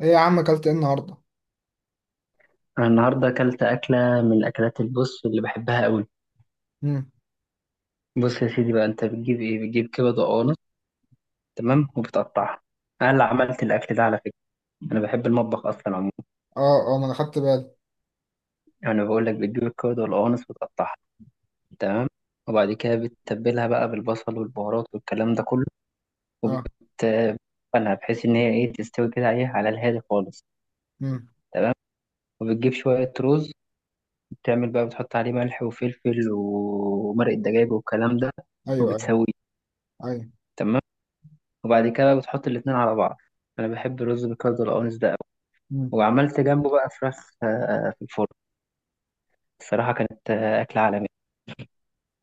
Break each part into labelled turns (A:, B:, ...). A: ايه يا عم، اكلت ايه النهارده؟
B: أنا النهاردة أكلت أكلة من الأكلات البص اللي بحبها أوي.
A: امم.
B: بص يا سيدي بقى، أنت بتجيب إيه؟ بتجيب كبد وقوانص، تمام، وبتقطعها. أنا اللي عملت الأكل ده على فكرة، أنا بحب المطبخ أصلا عموما.
A: اه، اه، ما انا خدت بالي.
B: أنا بقول لك، بتجيب الكبد والقوانص وتقطعها، تمام، وبعد كده بتتبلها بقى بالبصل والبهارات والكلام ده كله،
A: اه.
B: وبتقلها بحيث إن هي إيه تستوي كده إيه، على الهادي خالص.
A: امم.
B: وبتجيب شوية رز، بتعمل بقى، بتحط عليه ملح وفلفل ومرق الدجاج والكلام ده،
A: ايوه، ايوه.
B: وبتسويه،
A: ايوه.
B: تمام. وبعد كده بتحط الاتنين على بعض. انا بحب الرز بالكبده والقوانص ده قوي.
A: امم.
B: وعملت جنبه بقى فراخ في الفرن. الصراحه كانت اكله عالميه.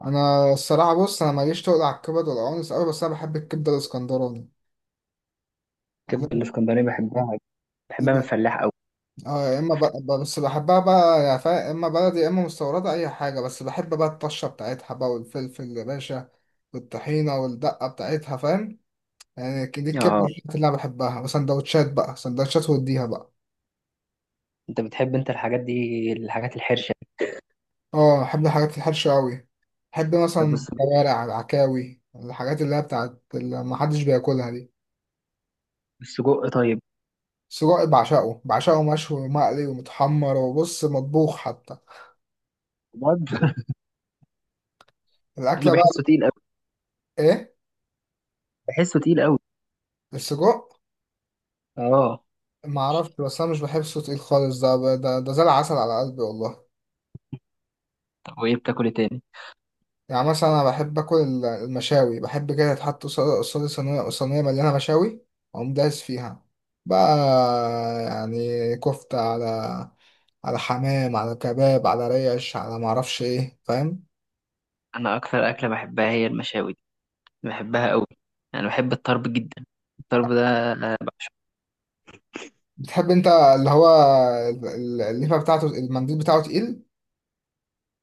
A: انا الصراحه، بص، انا ماليش تقل على الكبد والقوانص قوي، بس انا بحب الكبده الاسكندراني.
B: الكبده
A: لا-
B: الاسكندراني بحبها، بحبها من
A: لا.
B: فلاح قوي.
A: اه، يا اما بس بحبها بقى، يا اما بلدي يا اما مستورده اي حاجه، بس بحب بقى الطشه بتاعتها بقى والفلفل يا باشا والطحينه والدقه بتاعتها، فاهم؟ يعني دي الكبده
B: اه،
A: اللي انا بحبها. وسندوتشات بقى، سندوتشات واديها بقى.
B: انت بتحب الحاجات دي، الحاجات الحرشه؟
A: اه، احب الحاجات الحرشة قوي. احب مثلا
B: طب السجق،
A: الكوارع، العكاوي، الحاجات اللي هي بتاعت اللي محدش بياكلها دي.
B: السجق طيب؟
A: السجق بعشقه، بعشقه مشوي ومقلي ومتحمر، وبص، مطبوخ حتى.
B: بجد
A: الاكله
B: انا بحسه
A: بقى.
B: تقيل قوي،
A: ايه؟
B: بحسه تقيل قوي.
A: السجق.
B: اه.
A: ما اعرفش، بس انا مش بحب صوت تقيل خالص. ده، زي العسل على قلبي والله.
B: طب وايه بتاكل إيه تاني؟
A: يعني مثلا انا بحب اكل المشاوي. بحب كده تحط قصادي صينيه صينيه مليانه مشاوي، اقوم دايس فيها بقى. يعني كفته، على حمام، على كباب، على ريش، على معرفش ايه، فاهم؟
B: انا اكثر اكله بحبها هي المشاوي دي، بحبها قوي. انا بحب الطرب جدا، الطرب ده.
A: بتحب انت اللي هو الليفه بتاعته المنديل بتاعه تقيل؟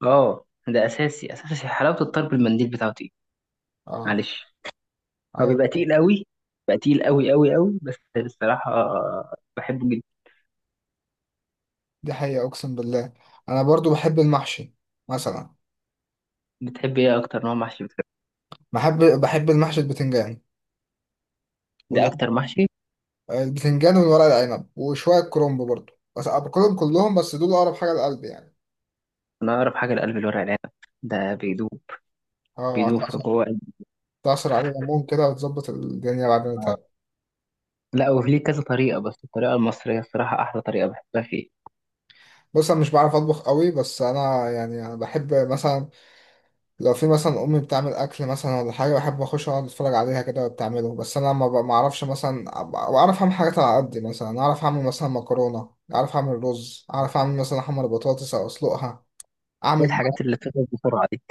B: اه، ده اساسي اساسي، حلاوه الطرب المنديل بتاعته.
A: اه.
B: معلش، هو
A: ايوه.
B: بيبقى تقيل قوي، بيبقى تقيل قوي قوي قوي، بس الصراحة بحبه جدا.
A: دي حقيقة، اقسم بالله. انا برضو بحب المحشي مثلا.
B: بتحب ايه اكتر نوع محشي بتحبه؟
A: بحب المحشي البتنجان
B: ده
A: وال-
B: اكتر محشي.
A: البتنجان والورق العنب وشوية كرنب برضو، بس باكلهم كلهم، بس دول اقرب حاجة لقلبي يعني.
B: انا اقرب حاجة لقلب الورق العنب، ده بيدوب،
A: اه،
B: بيدوب في
A: هتعصر.
B: جوه قلبي.
A: تعصر عليه ليمون كده وتظبط الدنيا بعدين
B: آه.
A: تاني.
B: لا، وفي ليه كذا طريقة، بس الطريقة المصرية الصراحة احلى طريقة بحبها فيه.
A: بص، انا مش بعرف اطبخ قوي، بس انا يعني أنا بحب مثلا، لو في مثلا امي بتعمل اكل مثلا ولا حاجه، بحب اخش اقعد اتفرج عليها كده وهي بتعمله. بس انا ما اعرفش مثلا بعرف اعمل حاجات على قد مثلا. اعرف اعمل مثلا مكرونه، اعرف اعمل رز، اعرف اعمل مثلا احمر بطاطس او اسلقها.
B: ايه
A: اعمل،
B: الحاجات اللي بتخلص بسرعة دي؟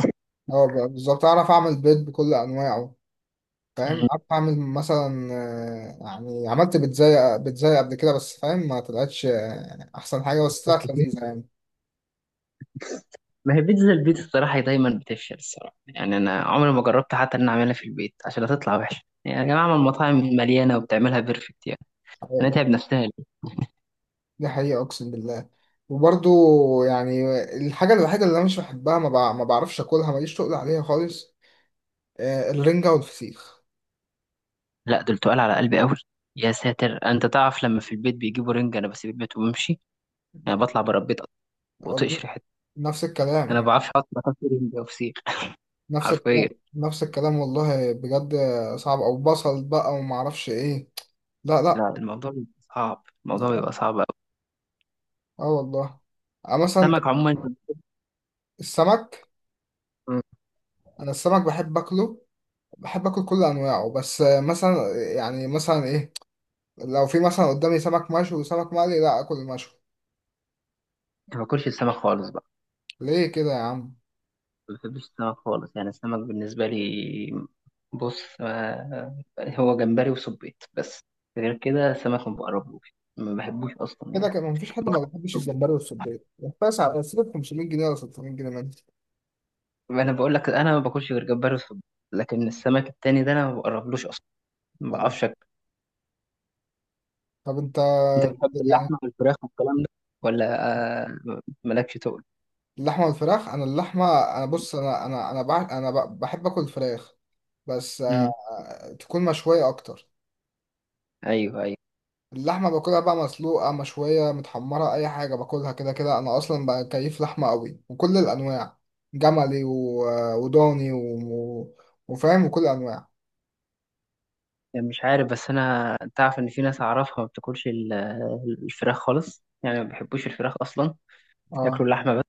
A: اه، بالظبط اعرف اعمل بيض بكل انواعه، فاهم؟
B: مم.
A: اعرف اعمل مثلا، يعني عملت بيتزاي قبل كده، بس فاهم، ما طلعتش، يعني احسن حاجه، بس
B: بس
A: طلعت
B: كده.
A: لذيذه يعني.
B: ما هي بيتزا البيت الصراحة دايما بتفشل الصراحة، يعني أنا عمري ما جربت حتى إن أنا أعملها في البيت عشان هتطلع وحشة، يعني يا جماعة ما المطاعم مليانة وبتعملها بيرفكت يعني. هنتعب نفسنا.
A: دي حقيقة أقسم بالله. وبرضو، يعني الحاجة الوحيدة اللي أنا مش بحبها، ما بعرفش أكلها، ماليش تقل عليها خالص، الرنجة والفسيخ.
B: لا دول تقال على قلبي قوي. يا ساتر، انت تعرف لما في البيت بيجيبوا رنج انا بسيب البيت وبمشي، انا بطلع بره البيت وطقش
A: والله.
B: ريحتها.
A: نفس
B: انا ما
A: الكلام.
B: بعرفش احط باكل رنج او فسيخ،
A: نفس الكلام.
B: حرفيا.
A: نفس الكلام والله بجد. صعب، أو بصل بقى وما أعرفش إيه. لا، لا.
B: لا الموضوع بيبقى صعب، الموضوع
A: اه.
B: بيبقى صعب قوي.
A: آه والله. مثلا
B: السمك عموما انت.
A: السمك. أنا السمك بحب أكله، بحب أكل كل أنواعه، بس مثلا، يعني مثلا إيه، لو في مثلا قدامي سمك مشوي وسمك مقلي، لا أكل المشوي.
B: ما باكلش السمك خالص بقى،
A: ليه كده يا عم؟
B: ما بحبش السمك خالص، يعني السمك بالنسبه لي، بص هو جمبري وسبيط بس، غير كده السمك ما بقربوش ما بحبوش اصلا.
A: كده
B: يعني
A: كان مفيش حد ما بيحبش الجمبري والسبيط. بس على سيبك 500 جنيه ولا 600 جنيه منه.
B: انا بقول لك، انا ما باكلش غير جمبري وصبيط، لكن السمك التاني ده انا ما بقربلوش اصلا، ما
A: يعني
B: بعرفش أكل.
A: طب انت.
B: انت بتحب
A: يعني
B: اللحمه والفراخ والكلام ده ولا آه، مالكش تقول؟
A: اللحمه والفراخ. انا اللحمه، انا بص، انا بحب اكل الفراخ، بس
B: امم.
A: تكون مشويه اكتر.
B: ايوه ايوه.
A: اللحمه باكلها بقى مسلوقه، مشويه، متحمره، اي حاجه. باكلها كده كده، انا اصلا بقى كيف لحمه قوي، وكل الانواع، جملي و... وضاني و... وفاهم، وكل الانواع.
B: يعني مش عارف، بس انا تعرف ان في ناس اعرفها ما بتاكلش الفراخ خالص، يعني ما بيحبوش الفراخ اصلا،
A: اه.
B: ياكلوا اللحمه بس.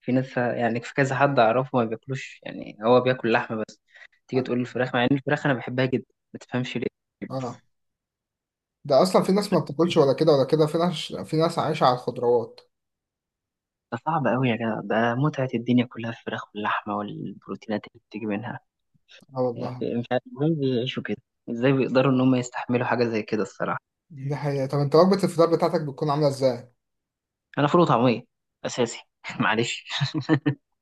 B: في ناس، يعني في كذا حد اعرفه ما بياكلوش، يعني هو بياكل لحمه بس، تيجي تقول الفراخ، مع ان الفراخ انا بحبها جدا، ما تفهمش ليه.
A: اه ده اصلا في ناس ما بتاكلش ولا كده ولا كده، في ناس، عايشه على الخضروات.
B: ده صعب أوي يا جدع، ده متعة الدنيا كلها في الفراخ واللحمة والبروتينات اللي بتيجي منها
A: اه والله.
B: يعني. مش عارف ازاي بيعيشوا كده، ازاي بيقدروا إن هم يستحملوا حاجة زي كده الصراحة.
A: دي حقيقه. طب انت وجبه الفطار بتاعتك بتكون عامله ازاي؟
B: أنا فول وطعمية أساسي معلش.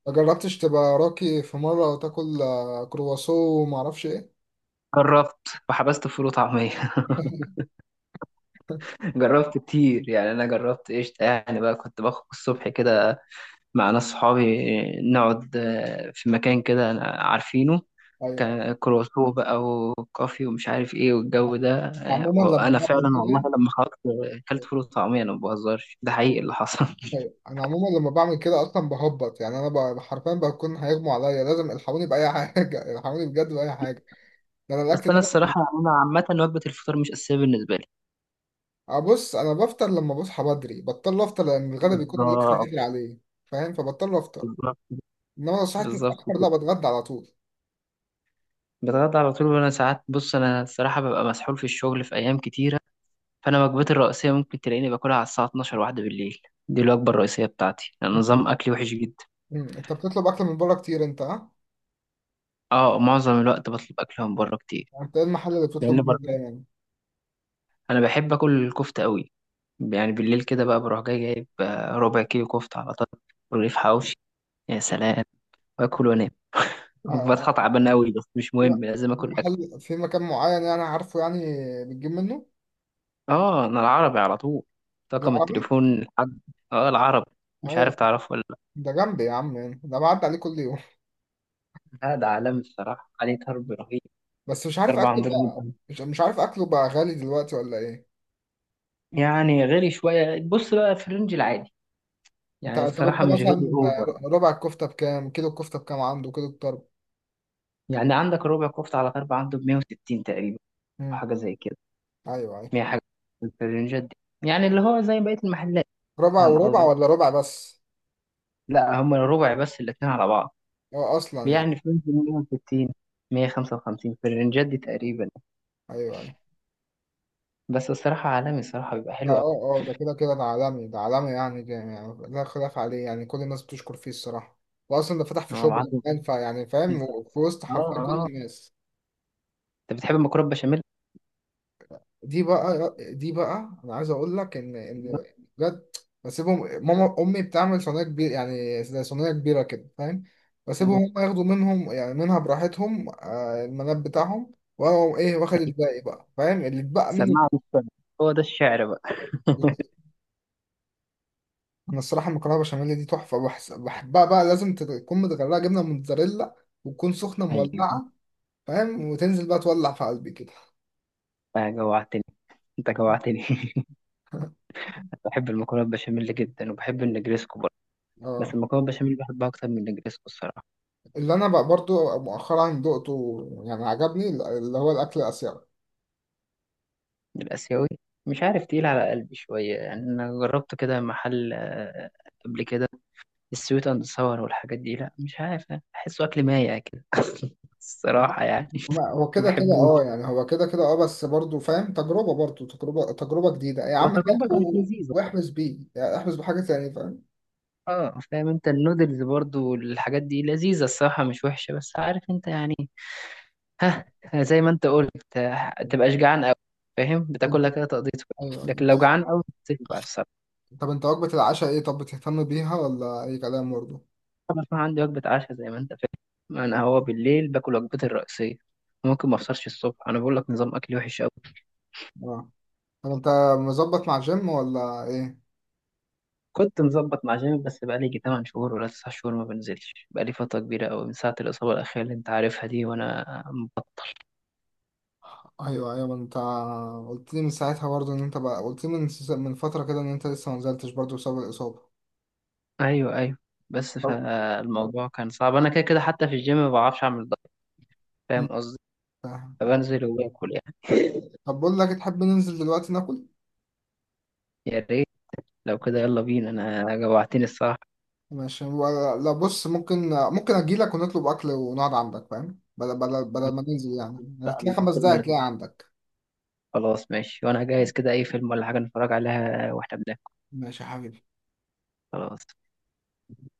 A: ما جربتش تبقى راقي في مره وتاكل، كرواسو وما اعرفش ايه؟
B: جربت وحبست فول وطعمية جربت كتير، يعني أنا جربت قشطة يعني بقى، كنت باخد الصبح كده مع ناس صحابي، نقعد في مكان كده عارفينه،
A: ايوه.
B: كروسو بقى وكافي ومش عارف ايه والجو ده
A: انا عموما لما
B: وانا
A: بعمل
B: فعلا والله
A: كده،
B: لما خرجت اكلت فول وطعمية، انا ما بهزرش، ده حقيقي اللي حصل
A: اصلا بهبط يعني. انا حرفيا بكون هيغمى عليا، لازم الحقوني باي حاجه. الحقوني بجد باي حاجه، ده انا
B: بس
A: الاكل ده.
B: انا الصراحة يعني انا عامة وجبة الفطار مش اساسية بالنسبة لي.
A: ابص، انا بفطر لما بصحى بدري، بضطر افطر لان الغدا بيكون الاكل
B: بالظبط.
A: بدري عليه، فاهم، فبضطر افطر.
B: بالظبط.
A: انما لو صحيت
B: بالظبط
A: متاخر، لا،
B: كده،
A: بتغدى على طول.
B: بتغدى على طول. وانا ساعات، بص انا الصراحة ببقى مسحول في الشغل في ايام كتيرة، فانا وجبتي الرئيسية ممكن تلاقيني باكلها على الساعة 12 واحدة بالليل، دي الوجبة الرئيسية بتاعتي، لأن
A: انت.
B: نظام اكلي وحش جدا.
A: مم. انت بتطلب اكل من بره كتير انت، ها؟
B: اه، معظم الوقت بطلب اكل من بره كتير.
A: انت ايه المحل اللي
B: لان
A: بتطلب منه
B: بر-
A: دايما،
B: انا بحب اكل الكفته قوي، يعني بالليل كده بقى بروح جاي جايب ربع كيلو كفته على طول ورغيف حواوشي، يا سلام، واكل وانام.
A: آه،
B: بصحى تعبان قوي بس مش
A: آه،
B: مهم، لازم
A: في
B: اكل اكل.
A: محل، في مكان معين، يعني عارفه، يعني بتجيب منه؟
B: اه، انا العربي على طول، طاقم
A: العربي.
B: التليفون لحد. اه العربي. مش عارف
A: ايوه.
B: تعرفه ولا؟
A: ده جنبي يا عم يعني. ده بعدي عليه كل يوم.
B: لا ده عالمي الصراحه، عليه ضرب رهيب.
A: بس مش عارف
B: ضرب
A: اكله
B: عندنا جامد
A: بقى،
B: أوي.
A: مش عارف اكله بقى، غالي دلوقتي ولا ايه؟
B: يعني غالي شويه، بص بقى في الرينج العادي،
A: انت.
B: يعني
A: طب انت
B: الصراحه مش غالي
A: مثلا
B: اوفر.
A: ربع الكفته بكام، كيلو الكفته بكام عنده، كيلو الطرب؟
B: يعني عندك ربع كفته على ضرب عنده ب 160 تقريبا، أو
A: مم.
B: حاجه زي كده،
A: ايوه، ايوه.
B: 100 حاجة، في الرينجات دي، يعني اللي هو زي بقية المحلات،
A: ربع
B: فاهم
A: وربع
B: قصدي؟
A: ولا ربع بس؟
B: لا هم الربع بس، الاتنين على بعض.
A: هو اصلا يعني.
B: يعني في رينج 160، 155، في الرينجات دي تقريبا.
A: ايوه، ايوه.
B: بس الصراحة عالمي الصراحة بيبقى
A: لا،
B: حلو أوي.
A: اه، اه، ده كده كده. ده عالمي، ده عالمي يعني، ده يعني لا خلاف عليه، يعني كل الناس بتشكر فيه الصراحة. وأصلا ده فتح في
B: هو
A: شبرا
B: عنده
A: كمان، فيعني فاهم،
B: أنت.
A: في وسط
B: اه.
A: حرفيا كل
B: اه.
A: الناس.
B: أنت بتحب المكرونة بشاميل؟
A: دي بقى أنا عايز أقول لك إن بجد بسيبهم. أمي بتعمل صينية كبيرة، يعني زي صينية كبيرة كده فاهم،
B: أيوة.
A: بسيبهم هم ياخدوا منهم يعني منها براحتهم، المناب بتاعهم. وأنا أقوم إيه، واخد الباقي بقى، فاهم، اللي اتبقى منه.
B: سماعة مش سامع. هو ده الشعر بقى
A: انا الصراحه المكرونه بشاميل دي تحفه. بحبها بقى، لازم تكون متغرقه جبنه موتزاريلا، وتكون سخنه
B: أيوه.
A: مولعه، فاهم، وتنزل بقى تولع في قلبي كده.
B: بقى جوعتني، أنت جوعتني بحب المكرونة بشاميل جدا وبحب النجريسكو برضه، بس
A: اه.
B: المكرونة بشاميل بحبها أكتر من النجريسكو الصراحة.
A: اللي انا بقى برضو مؤخرا دقته، يعني عجبني، اللي هو الاكل الاسيوي.
B: الآسيوي؟ مش عارف، تقيل على قلبي شوية، يعني أنا جربت كده محل قبل كده، السويت أند ساور والحاجات دي، لا مش عارف، أحسه أكل مايع كده الصراحة يعني
A: هو
B: ما
A: كده كده اه،
B: بحبوش.
A: يعني هو كده كده اه، بس برضو فاهم، تجربه، برضو تجربه، تجربه جديده يا عم،
B: وتجربة
A: هاته
B: كانت لذيذة.
A: واحبس بيه، يعني احبس بحاجه تانية فاهم.
B: اه فاهم، انت النودلز برضو والحاجات دي لذيذة الصراحة، مش وحشة، بس عارف انت يعني، ها، زي ما انت قلت تبقاش جعان أوي، فاهم،
A: انت.
B: بتاكلها كده تقضيتك،
A: ايوه
B: لكن
A: انت.
B: لو جعان أوي بتشبع.
A: طب انت وجبه العشاء ايه، طب بتهتم بيها ولا اي كلام برضو؟
B: انا بقى عندي وجبه عشاء زي ما انت فاهم، انا هو بالليل باكل وجبتي الرئيسيه، ممكن ما افطرش الصبح، انا بقول لك نظام اكلي وحش قوي.
A: آه. طب انت مظبط مع جيم ولا ايه؟
B: كنت مظبط مع جيم، بس بقى لي يجي 8 شهور ولا 9 شهور ما بنزلش، بقى لي فتره كبيره قوي من ساعه الاصابه الاخيره اللي انت عارفها دي، وانا مبطل.
A: ايوه، ايوه. ما انت قلت لي من ساعتها برضه ان انت بقى، قلت لي من فتره كده ان انت لسه ما نزلتش برضه بسبب الاصابه.
B: ايوه ايوه. بس
A: طب.
B: فالموضوع كان صعب، انا كده كده حتى في الجيم ما بعرفش اعمل دايت، فاهم
A: مم.
B: قصدي؟
A: فاهم فاهم.
B: فبنزل وباكل يعني.
A: طب بقول لك، تحب ننزل دلوقتي ناكل؟
B: يا ريت، لو كده يلا بينا، انا جوعتني الصراحه
A: ماشي لا، بص، ممكن اجي لك ونطلب اكل ونقعد عندك فاهم، بدل ما ننزل يعني. هتلاقي 5 دقايق هتلاقي
B: بقى.
A: عندك.
B: خلاص ماشي، وانا جاهز كده، اي فيلم ولا حاجة نتفرج عليها واحنا بناكل.
A: ماشي يا حبيبي.
B: خلاص.